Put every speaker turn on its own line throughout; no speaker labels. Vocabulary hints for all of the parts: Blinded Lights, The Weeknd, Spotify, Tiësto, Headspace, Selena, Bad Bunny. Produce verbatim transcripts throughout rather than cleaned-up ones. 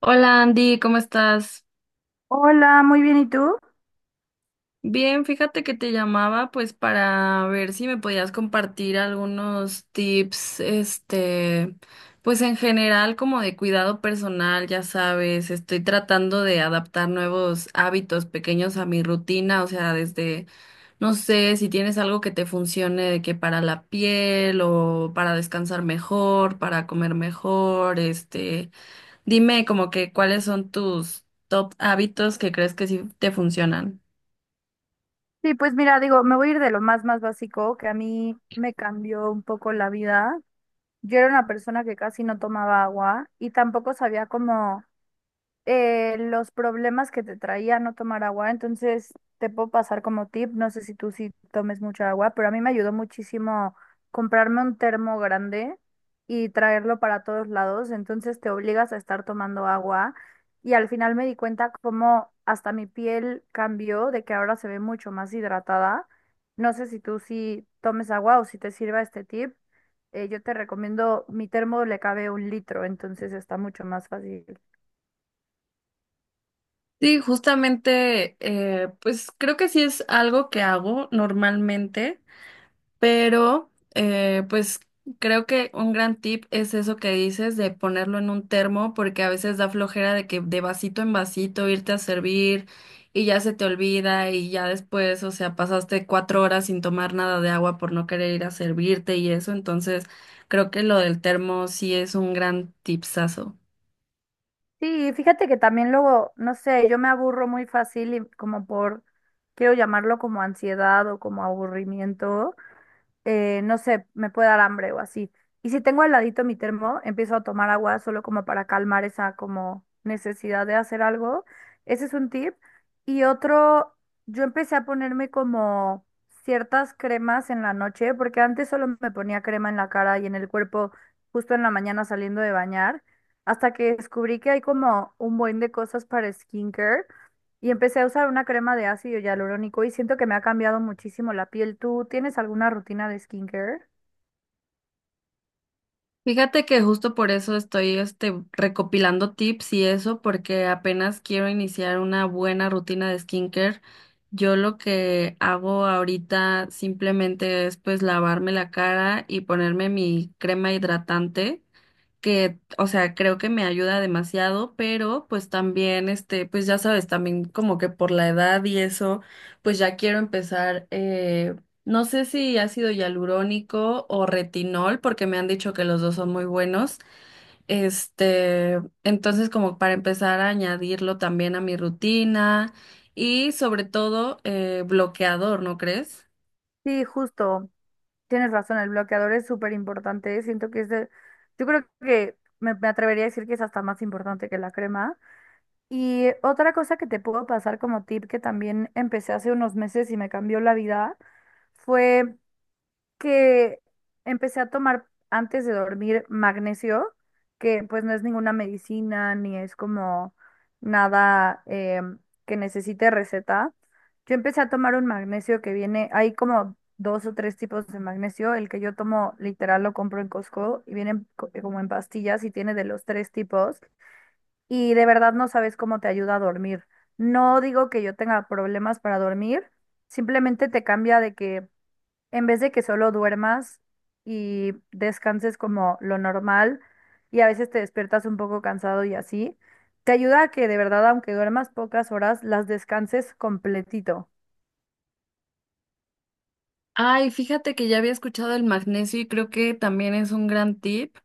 Hola Andy, ¿cómo estás?
Hola, muy bien, ¿y tú?
Bien, fíjate que te llamaba pues para ver si me podías compartir algunos tips, este, pues en general como de cuidado personal, ya sabes, estoy tratando de adaptar nuevos hábitos pequeños a mi rutina, o sea, desde, no sé, si tienes algo que te funcione de que para la piel o para descansar mejor, para comer mejor, este. Dime como que cuáles son tus top hábitos que crees que sí te funcionan.
Sí, pues mira, digo, me voy a ir de lo más, más básico, que a mí me cambió un poco la vida. Yo era una persona que casi no tomaba agua y tampoco sabía cómo eh, los problemas que te traía no tomar agua, entonces te puedo pasar como tip, no sé si tú sí tomes mucha agua, pero a mí me ayudó muchísimo comprarme un termo grande y traerlo para todos lados, entonces te obligas a estar tomando agua y al final me di cuenta cómo hasta mi piel cambió, de que ahora se ve mucho más hidratada. No sé si tú sí tomes agua o si te sirva este tip. Eh, yo te recomiendo, mi termo le cabe un litro, entonces está mucho más fácil.
Sí, justamente, eh, pues creo que sí es algo que hago normalmente. Pero, eh, pues creo que un gran tip es eso que dices de ponerlo en un termo, porque a veces da flojera de que de vasito en vasito irte a servir y ya se te olvida y ya después, o sea, pasaste cuatro horas sin tomar nada de agua por no querer ir a servirte y eso. Entonces, creo que lo del termo sí es un gran tipsazo.
Sí, fíjate que también luego, no sé, yo me aburro muy fácil y como por, quiero llamarlo como ansiedad o como aburrimiento eh, no sé, me puede dar hambre o así. Y si tengo al ladito mi termo, empiezo a tomar agua solo como para calmar esa como necesidad de hacer algo. Ese es un tip. Y otro, yo empecé a ponerme como ciertas cremas en la noche, porque antes solo me ponía crema en la cara y en el cuerpo justo en la mañana saliendo de bañar, hasta que descubrí que hay como un buen de cosas para skincare. Y empecé a usar una crema de ácido hialurónico y siento que me ha cambiado muchísimo la piel. ¿Tú tienes alguna rutina de skincare?
Fíjate que justo por eso estoy este, recopilando tips y eso, porque apenas quiero iniciar una buena rutina de skincare. Yo lo que hago ahorita simplemente es pues lavarme la cara y ponerme mi crema hidratante que, o sea, creo que me ayuda demasiado, pero pues también, este, pues ya sabes, también como que por la edad y eso, pues ya quiero empezar, eh, no sé si ácido hialurónico o retinol, porque me han dicho que los dos son muy buenos, este, entonces como para empezar a añadirlo también a mi rutina y sobre todo eh, bloqueador, ¿no crees?
Sí, justo. Tienes razón, el bloqueador es súper importante. Siento que es de... Yo creo que me, me atrevería a decir que es hasta más importante que la crema. Y otra cosa que te puedo pasar como tip que también empecé hace unos meses y me cambió la vida fue que empecé a tomar antes de dormir magnesio, que pues no es ninguna medicina ni es como nada em, que necesite receta. Yo empecé a tomar un magnesio que viene, hay como dos o tres tipos de magnesio. El que yo tomo literal lo compro en Costco y viene en co- eh, como en pastillas y tiene de los tres tipos. Y de verdad no sabes cómo te ayuda a dormir. No digo que yo tenga problemas para dormir, simplemente te cambia de que en vez de que solo duermas y descanses como lo normal y a veces te despiertas un poco cansado y así, te ayuda a que de verdad, aunque duermas pocas horas, las descanses completito.
Ay, fíjate que ya había escuchado el magnesio y creo que también es un gran tip.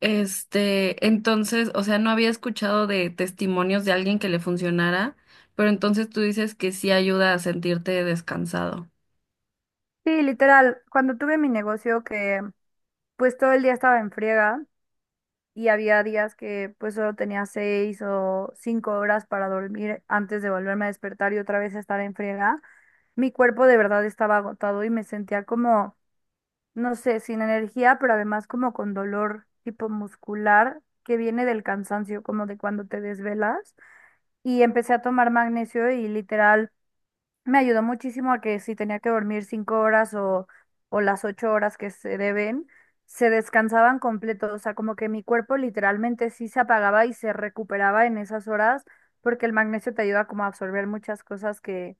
Este, entonces, o sea, no había escuchado de testimonios de alguien que le funcionara, pero entonces tú dices que sí ayuda a sentirte descansado.
Sí, literal, cuando tuve mi negocio que pues todo el día estaba en friega y había días que pues solo tenía seis o cinco horas para dormir antes de volverme a despertar y otra vez estar en friega, mi cuerpo de verdad estaba agotado y me sentía como no sé, sin energía, pero además como con dolor tipo muscular que viene del cansancio, como de cuando te desvelas. Y empecé a tomar magnesio y literal me ayudó muchísimo a que si tenía que dormir cinco horas o, o las ocho horas que se deben, se descansaban completo. O sea, como que mi cuerpo literalmente sí se apagaba y se recuperaba en esas horas porque el magnesio te ayuda como a absorber muchas cosas que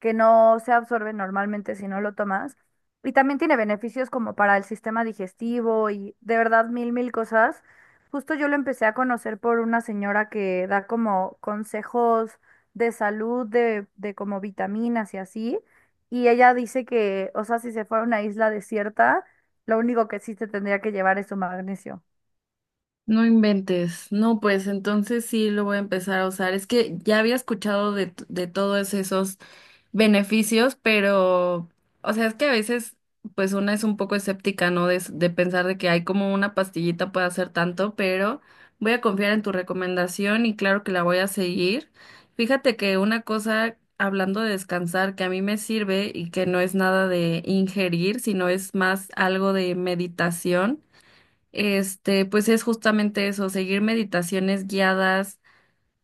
que no se absorbe normalmente si no lo tomas. Y también tiene beneficios como para el sistema digestivo y de verdad mil, mil cosas. Justo yo lo empecé a conocer por una señora que da como consejos de salud, de, de como vitaminas y así. Y ella dice que, o sea, si se fuera a una isla desierta, lo único que sí se tendría que llevar es su magnesio.
No inventes. No, pues entonces sí lo voy a empezar a usar. Es que ya había escuchado de, t- de todos esos beneficios, pero, o sea, es que a veces, pues una es un poco escéptica, ¿no? De, s- de pensar de que hay como una pastillita puede hacer tanto, pero voy a confiar en tu recomendación y claro que la voy a seguir. Fíjate que una cosa, hablando de descansar, que a mí me sirve y que no es nada de ingerir, sino es más algo de meditación. Este, pues es justamente eso, seguir meditaciones guiadas,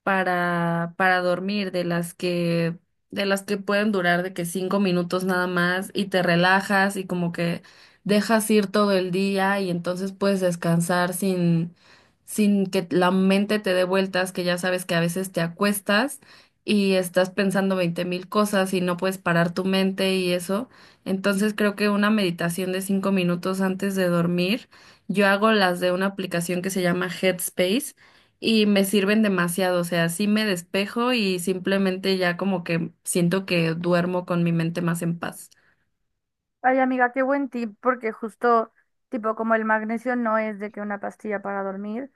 para, para dormir, de las que, de las que pueden durar de que cinco minutos nada más y te relajas y como que dejas ir todo el día y entonces puedes descansar sin, sin que la mente te dé vueltas, que ya sabes que a veces te acuestas y estás pensando veinte mil cosas y no puedes parar tu mente y eso. Entonces creo que una meditación de cinco minutos antes de dormir, yo hago las de una aplicación que se llama Headspace y me sirven demasiado, o sea, sí me despejo y simplemente ya como que siento que duermo con mi mente más en paz.
Ay, amiga, qué buen tip, porque justo, tipo, como el magnesio no es de que una pastilla para dormir,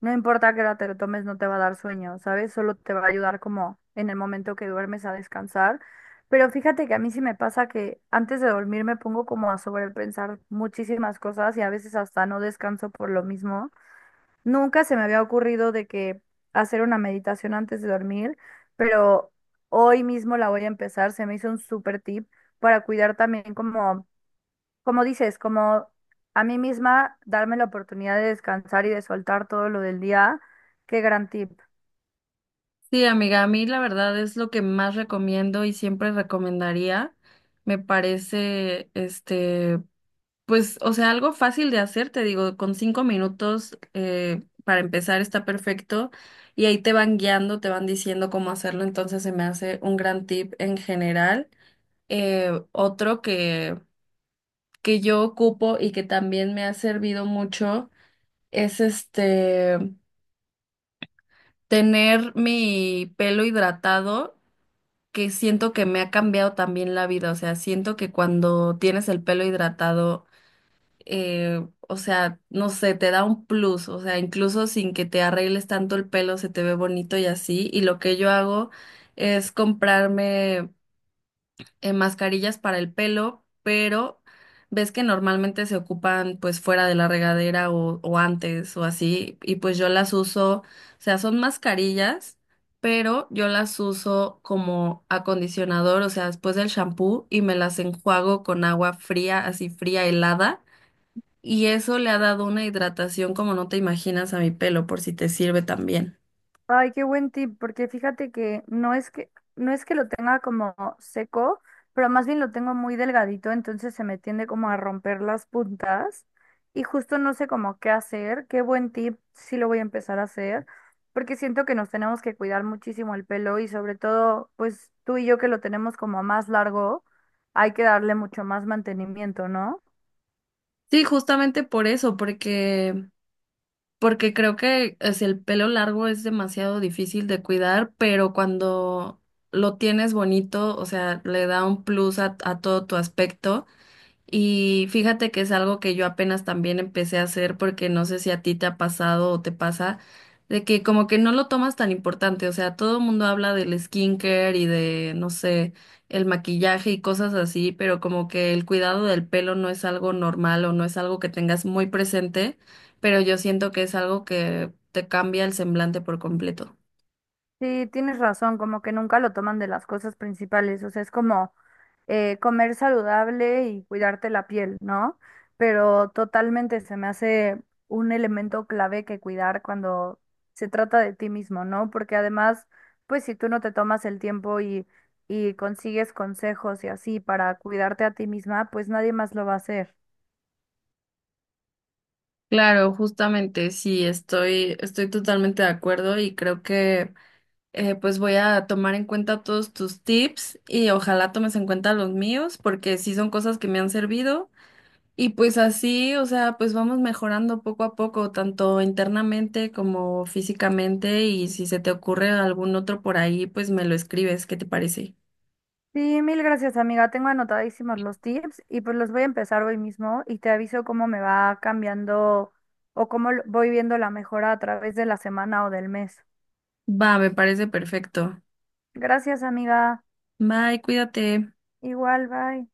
no importa que hora te lo tomes, no te va a dar sueño, ¿sabes? Solo te va a ayudar como en el momento que duermes a descansar. Pero fíjate que a mí sí me pasa que antes de dormir me pongo como a sobrepensar muchísimas cosas y a veces hasta no descanso por lo mismo. Nunca se me había ocurrido de que hacer una meditación antes de dormir, pero hoy mismo la voy a empezar. Se me hizo un súper tip para cuidar también como como dices, como a mí misma darme la oportunidad de descansar y de soltar todo lo del día, qué gran tip.
Sí, amiga, a mí la verdad es lo que más recomiendo y siempre recomendaría. Me parece, este, pues, o sea, algo fácil de hacer, te digo, con cinco minutos eh, para empezar está perfecto y ahí te van guiando, te van diciendo cómo hacerlo, entonces se me hace un gran tip en general. Eh, otro que que yo ocupo y que también me ha servido mucho es este tener mi pelo hidratado, que siento que me ha cambiado también la vida. O sea, siento que cuando tienes el pelo hidratado, eh, o sea, no sé, te da un plus. O sea, incluso sin que te arregles tanto el pelo, se te ve bonito y así. Y lo que yo hago es comprarme, eh, mascarillas para el pelo, pero ves que normalmente se ocupan pues fuera de la regadera o, o antes o así, y pues yo las uso, o sea, son mascarillas, pero yo las uso como acondicionador, o sea, después del shampoo y me las enjuago con agua fría, así fría, helada, y eso le ha dado una hidratación como no te imaginas a mi pelo, por si te sirve también.
Ay, qué buen tip, porque fíjate que no es que, no es que lo tenga como seco, pero más bien lo tengo muy delgadito, entonces se me tiende como a romper las puntas y justo no sé cómo qué hacer. Qué buen tip, sí lo voy a empezar a hacer, porque siento que nos tenemos que cuidar muchísimo el pelo y sobre todo, pues tú y yo que lo tenemos como más largo, hay que darle mucho más mantenimiento, ¿no?
Sí, justamente por eso, porque Porque creo que es el pelo largo es demasiado difícil de cuidar, pero cuando lo tienes bonito, o sea, le da un plus a, a todo tu aspecto. Y fíjate que es algo que yo apenas también empecé a hacer porque no sé si a ti te ha pasado o te pasa, de que como que no lo tomas tan importante, o sea, todo el mundo habla del skincare y de, no sé, el maquillaje y cosas así, pero como que el cuidado del pelo no es algo normal o no es algo que tengas muy presente, pero yo siento que es algo que te cambia el semblante por completo.
Sí, tienes razón, como que nunca lo toman de las cosas principales, o sea, es como eh, comer saludable y cuidarte la piel, ¿no? Pero totalmente se me hace un elemento clave que cuidar cuando se trata de ti mismo, ¿no? Porque además, pues si tú no te tomas el tiempo y, y consigues consejos y así para cuidarte a ti misma, pues nadie más lo va a hacer.
Claro, justamente, sí, estoy, estoy totalmente de acuerdo y creo que eh, pues voy a tomar en cuenta todos tus tips y ojalá tomes en cuenta los míos porque sí son cosas que me han servido y pues así, o sea, pues vamos mejorando poco a poco, tanto internamente como físicamente y si se te ocurre algún otro por ahí, pues me lo escribes, ¿qué te parece?
Sí, mil gracias, amiga. Tengo anotadísimos los tips y pues los voy a empezar hoy mismo y te aviso cómo me va cambiando o cómo lo- voy viendo la mejora a través de la semana o del mes.
Va, me parece perfecto.
Gracias, amiga.
Bye, cuídate.
Igual, bye.